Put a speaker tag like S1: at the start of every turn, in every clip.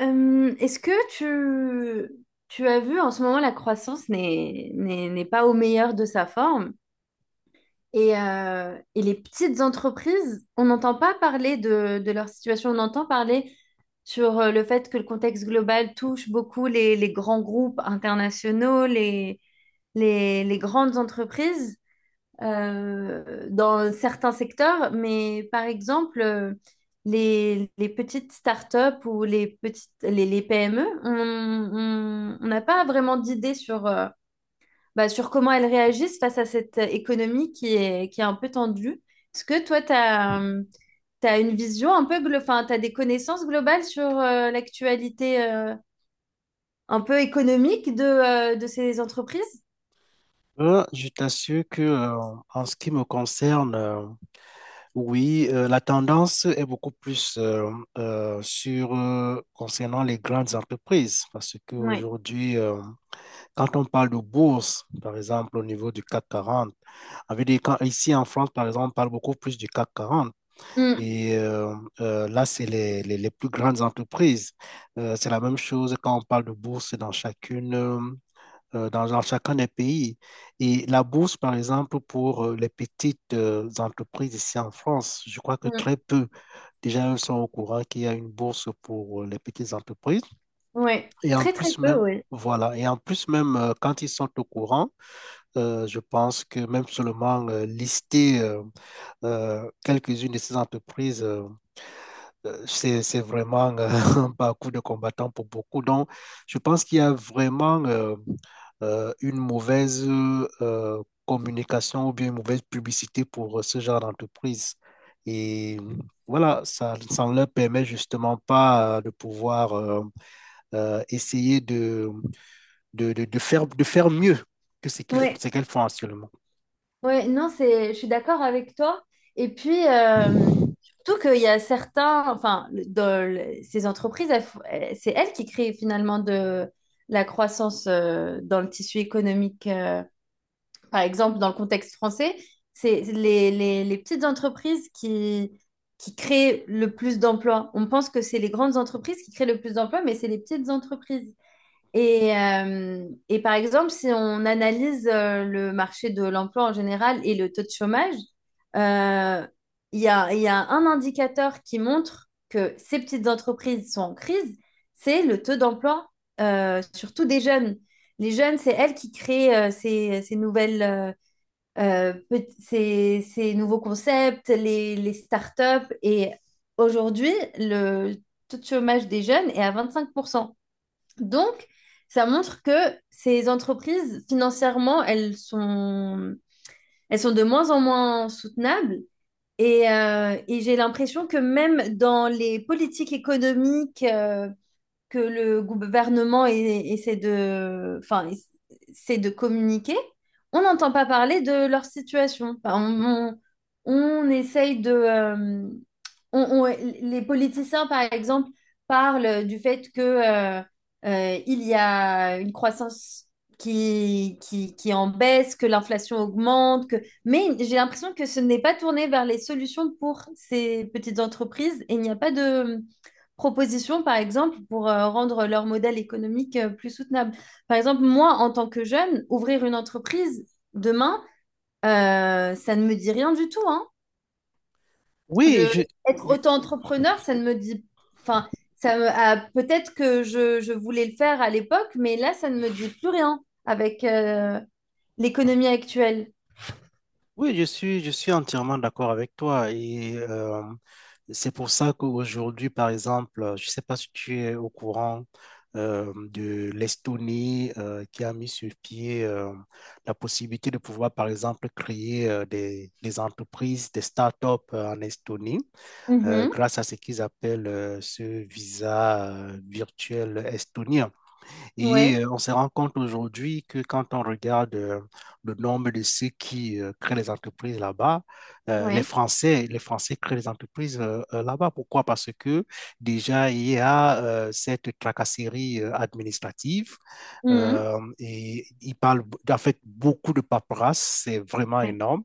S1: Est-ce que tu as vu en ce moment la croissance n'est pas au meilleur de sa forme et les petites entreprises, on n'entend pas parler de leur situation, on entend parler sur le fait que le contexte global touche beaucoup les grands groupes internationaux, les grandes entreprises, dans certains secteurs, mais par exemple, les petites startups ou les petites, les PME, on n'a pas vraiment d'idée sur, sur comment elles réagissent face à cette économie qui est un peu tendue. Est-ce que toi, une vision un peu, tu as des connaissances globales sur l'actualité un peu économique de ces entreprises?
S2: Je t'assure que, en ce qui me concerne, oui, la tendance est beaucoup plus sur concernant les grandes entreprises, parce
S1: Oui.
S2: qu'aujourd'hui, quand on parle de bourse, par exemple, au niveau du CAC 40, avec des, ici en France, par exemple, on parle beaucoup plus du CAC 40,
S1: Mm,
S2: et là, c'est les plus grandes entreprises. C'est la même chose quand on parle de bourse dans chacune. Dans chacun des pays. Et la bourse, par exemple, pour les petites entreprises ici en France, je crois que
S1: mm,
S2: très peu déjà elles sont au courant qu'il y a une bourse pour les petites entreprises.
S1: ouais.
S2: Et en
S1: Très, très
S2: plus
S1: peu,
S2: même,
S1: oui.
S2: voilà, et en plus même, quand ils sont au courant, je pense que même seulement lister quelques-unes de ces entreprises c'est, vraiment un parcours de combattant pour beaucoup. Donc, je pense qu'il y a vraiment une mauvaise communication ou bien une mauvaise publicité pour ce genre d'entreprise. Et voilà, ça ne leur permet justement pas de pouvoir essayer de de faire mieux que
S1: Oui.
S2: ce qu'elles font actuellement.
S1: Ouais, non, je suis d'accord avec toi. Et puis, surtout qu'il y a certains, ces entreprises, c'est elles qui créent finalement de la croissance dans le tissu économique. Par exemple, dans le contexte français, c'est les petites entreprises qui créent le plus d'emplois. On pense que c'est les grandes entreprises qui créent le plus d'emplois, mais c'est les petites entreprises. Et par exemple, si on analyse le marché de l'emploi en général et le taux de chômage, euh, il y a un indicateur qui montre que ces petites entreprises sont en crise, c'est le taux d'emploi, surtout des jeunes. Les jeunes, c'est elles qui créent ces nouvelles, ces nouveaux concepts, les startups. Et aujourd'hui, le taux de chômage des jeunes est à 25. Donc, ça montre que ces entreprises, financièrement, elles sont de moins en moins soutenables. Et j'ai l'impression que même dans les politiques économiques que le gouvernement essaie de, enfin, essaie de communiquer, on n'entend pas parler de leur situation. Enfin, on essaye de... les politiciens, par exemple, parlent du fait que, il y a une croissance qui est en baisse, que l'inflation augmente, que... mais j'ai l'impression que ce n'est pas tourné vers les solutions pour ces petites entreprises et il n'y a pas de propositions, par exemple, pour rendre leur modèle économique plus soutenable. Par exemple, moi, en tant que jeune, ouvrir une entreprise demain, ça ne me dit rien du tout, hein. Je,
S2: Oui, je,
S1: Être
S2: oui,
S1: auto-entrepreneur, ça ne me dit... Enfin, peut-être que je voulais le faire à l'époque, mais là, ça ne me dit plus rien avec l'économie actuelle.
S2: oui, je suis, entièrement d'accord avec toi. Et c'est pour ça qu'aujourd'hui, par exemple, je ne sais pas si tu es au courant de l'Estonie qui a mis sur pied la possibilité de pouvoir, par exemple, créer des entreprises, des startups en Estonie
S1: Mhm.
S2: grâce à ce qu'ils appellent ce visa virtuel estonien. Et
S1: Ouais,
S2: on se rend compte aujourd'hui que quand on regarde le nombre de ceux qui créent les entreprises là-bas,
S1: ouais.
S2: Les Français créent les entreprises là-bas. Pourquoi? Parce que déjà, il y a cette tracasserie administrative
S1: Mhm.
S2: et ils parlent en fait beaucoup de paperasse, c'est vraiment
S1: Ouais.
S2: énorme.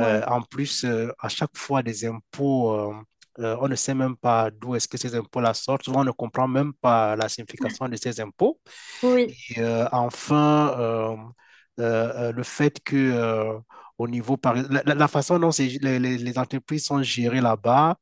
S2: En plus, à chaque fois, des impôts. On ne sait même pas d'où est-ce que ces impôts-là sortent. Souvent, on ne comprend même pas la signification de ces impôts.
S1: Oui.
S2: Et enfin, le fait que, au niveau, par... la façon dont c'est- les entreprises sont gérées là-bas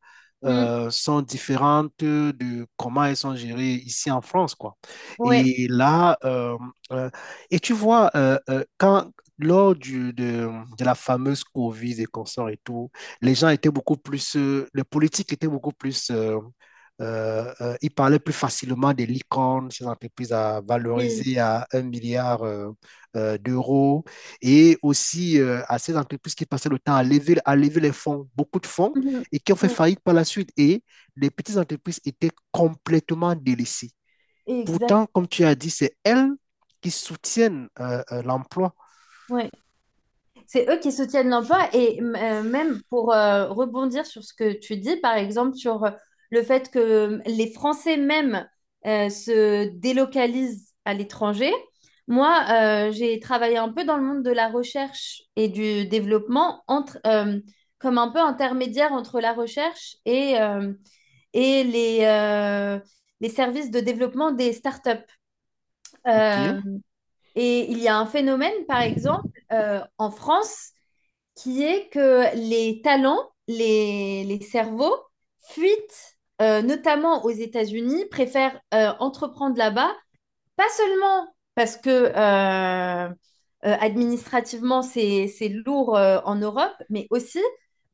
S1: Mhm.
S2: sont différentes de comment elles sont gérées ici en France, quoi.
S1: Ouais.
S2: Et là, euh, et tu vois, quand, lors du, de, de la fameuse Covid et consorts et tout, les gens étaient beaucoup plus, les politiques étaient beaucoup plus il parlait plus facilement des licornes, ces entreprises à
S1: Oui.
S2: valoriser à un milliard d'euros, et aussi à ces entreprises qui passaient le temps à lever les fonds, beaucoup de fonds,
S1: Mhm.
S2: et qui ont fait
S1: Oui.
S2: faillite par la suite. Et les petites entreprises étaient complètement délaissées.
S1: Exact.
S2: Pourtant, comme tu as dit, c'est elles qui soutiennent l'emploi.
S1: Ouais. C'est eux qui soutiennent l'emploi et même pour rebondir sur ce que tu dis, par exemple sur le fait que les Français même se délocalisent à l'étranger. Moi, j'ai travaillé un peu dans le monde de la recherche et du développement comme un peu intermédiaire entre la recherche et les services de développement des startups.
S2: OK.
S1: Euh, et il y a un phénomène, par exemple, en France, qui est que les talents, les cerveaux fuitent, notamment aux États-Unis, préfèrent entreprendre là-bas, pas seulement parce que administrativement, c'est lourd en Europe, mais aussi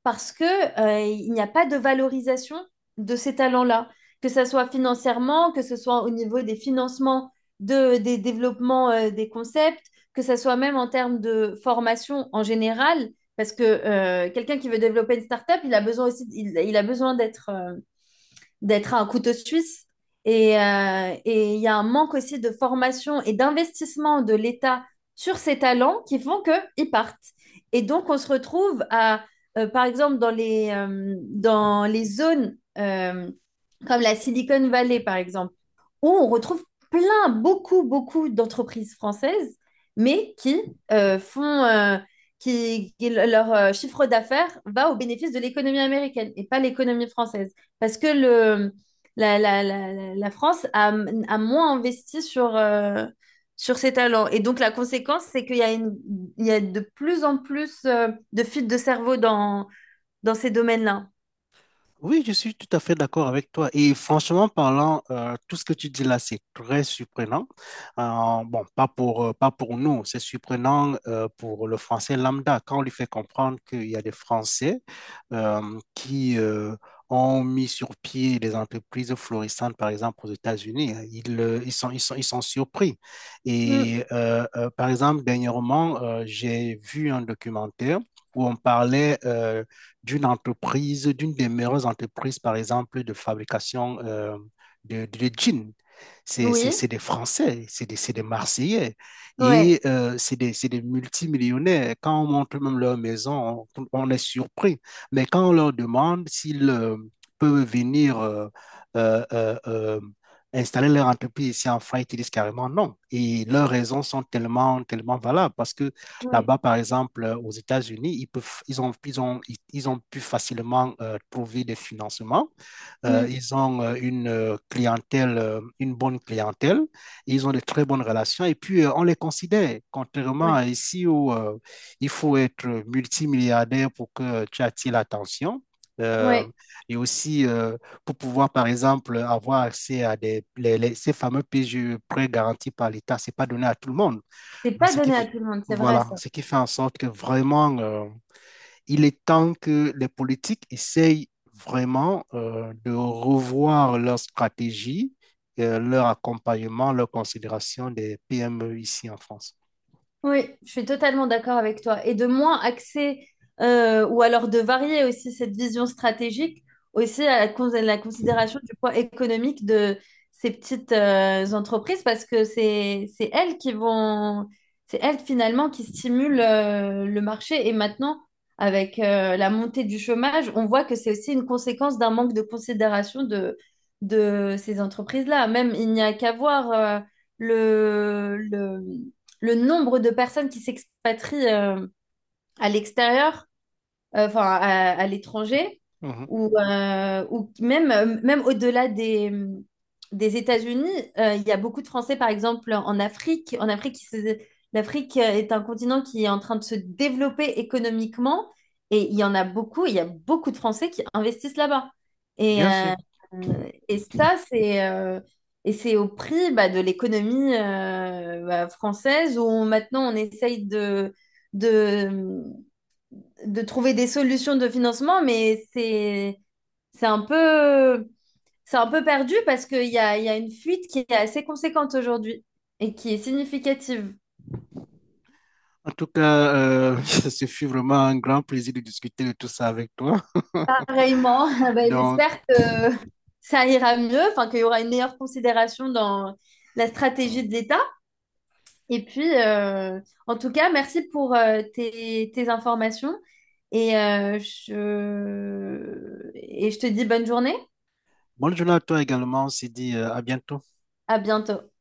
S1: parce que, il n'y a pas de valorisation de ces talents-là, que ce soit financièrement, que ce soit au niveau des financements des développements des concepts, que ce soit même en termes de formation en général, parce que quelqu'un qui veut développer une startup, il a besoin d'être, d'être un couteau suisse. Et il y a un manque aussi de formation et d'investissement de l'État sur ces talents qui font qu'ils partent. Et donc, on se retrouve à, par exemple, dans dans les zones comme la Silicon Valley, par exemple, où on retrouve plein, beaucoup, beaucoup d'entreprises françaises, mais qui euh, font, euh, leur chiffre d'affaires va au bénéfice de l'économie américaine et pas l'économie française. Parce que le, la, la, la, la la France a, a moins investi sur ses talents. Et donc, la conséquence, c'est qu'il y a de plus en plus de fuites de cerveau dans ces domaines-là.
S2: Oui, je suis tout à fait d'accord avec toi. Et franchement parlant, tout ce que tu dis là, c'est très surprenant. Bon, pas pour, pas pour nous, c'est surprenant pour le français lambda quand on lui fait comprendre qu'il y a des Français qui ont mis sur pied des entreprises florissantes, par exemple aux États-Unis. Hein, ils, ils sont, ils sont surpris.
S1: Mm.
S2: Et par exemple, dernièrement, j'ai vu un documentaire où on parlait... d'une entreprise, d'une des meilleures entreprises, par exemple, de fabrication de, de jeans.
S1: Oui,
S2: C'est des Français, c'est des Marseillais
S1: ouais,
S2: et c'est des multimillionnaires. Quand on montre même leur maison, on est surpris. Mais quand on leur demande s'ils peuvent venir euh, euh, euh, installer leur entreprise ici en France, ils disent carrément non. Et leurs raisons sont tellement, tellement valables parce que
S1: ouais,
S2: là-bas, par exemple, aux États-Unis, ils peuvent, ils ont, ils, ont pu facilement trouver des financements.
S1: Mm.
S2: Ils ont une clientèle, une bonne clientèle. Ils ont de très bonnes relations. Et puis, on les considère, contrairement
S1: ouais,
S2: à ici où il faut être multimilliardaire pour que tu attires l'attention. Euh,
S1: ouais.
S2: et aussi pour pouvoir, par exemple, avoir accès à des, ces fameux PGE, prêts garantis par l'État, c'est pas donné à tout le monde.
S1: C'est
S2: Non,
S1: pas donné à Oui. tout le monde, c'est vrai
S2: voilà,
S1: ça.
S2: ce qui fait en sorte que vraiment, il est temps que les politiques essayent vraiment de revoir leur stratégie, leur accompagnement, leur considération des PME ici en France.
S1: Oui, je suis totalement d'accord avec toi. Et de moins axer, ou alors de varier aussi cette vision stratégique, aussi à à la considération du poids économique de ces petites entreprises, parce que c'est elles qui vont, c'est elles finalement qui stimulent le marché. Et maintenant, avec la montée du chômage, on voit que c'est aussi une conséquence d'un manque de considération de ces entreprises-là. Même il n'y a qu'à voir. Le le nombre de personnes qui s'expatrient à l'extérieur, enfin à l'étranger,
S2: Mhm.
S1: ou même au-delà des États-Unis, il y a beaucoup de Français, par exemple, en Afrique. L'Afrique est un continent qui est en train de se développer économiquement, et il y a beaucoup de Français qui investissent là-bas. Et,
S2: Bien sûr.
S1: euh, et ça, c'est et c'est au prix bah, de l'économie bah, française où maintenant on essaye de, de trouver des solutions de financement, mais c'est un peu c'est un peu perdu parce qu'il y a une fuite qui est assez conséquente aujourd'hui et qui est significative.
S2: En tout cas, ce fut vraiment un grand plaisir de discuter de tout ça avec toi.
S1: Pareillement, ben,
S2: Donc,
S1: j'espère que ça ira mieux, enfin qu'il y aura une meilleure considération dans la stratégie de l'État. Et puis, en tout cas, merci pour tes informations et je te dis bonne journée.
S2: bonne journée à toi également. On se dit à bientôt.
S1: À bientôt.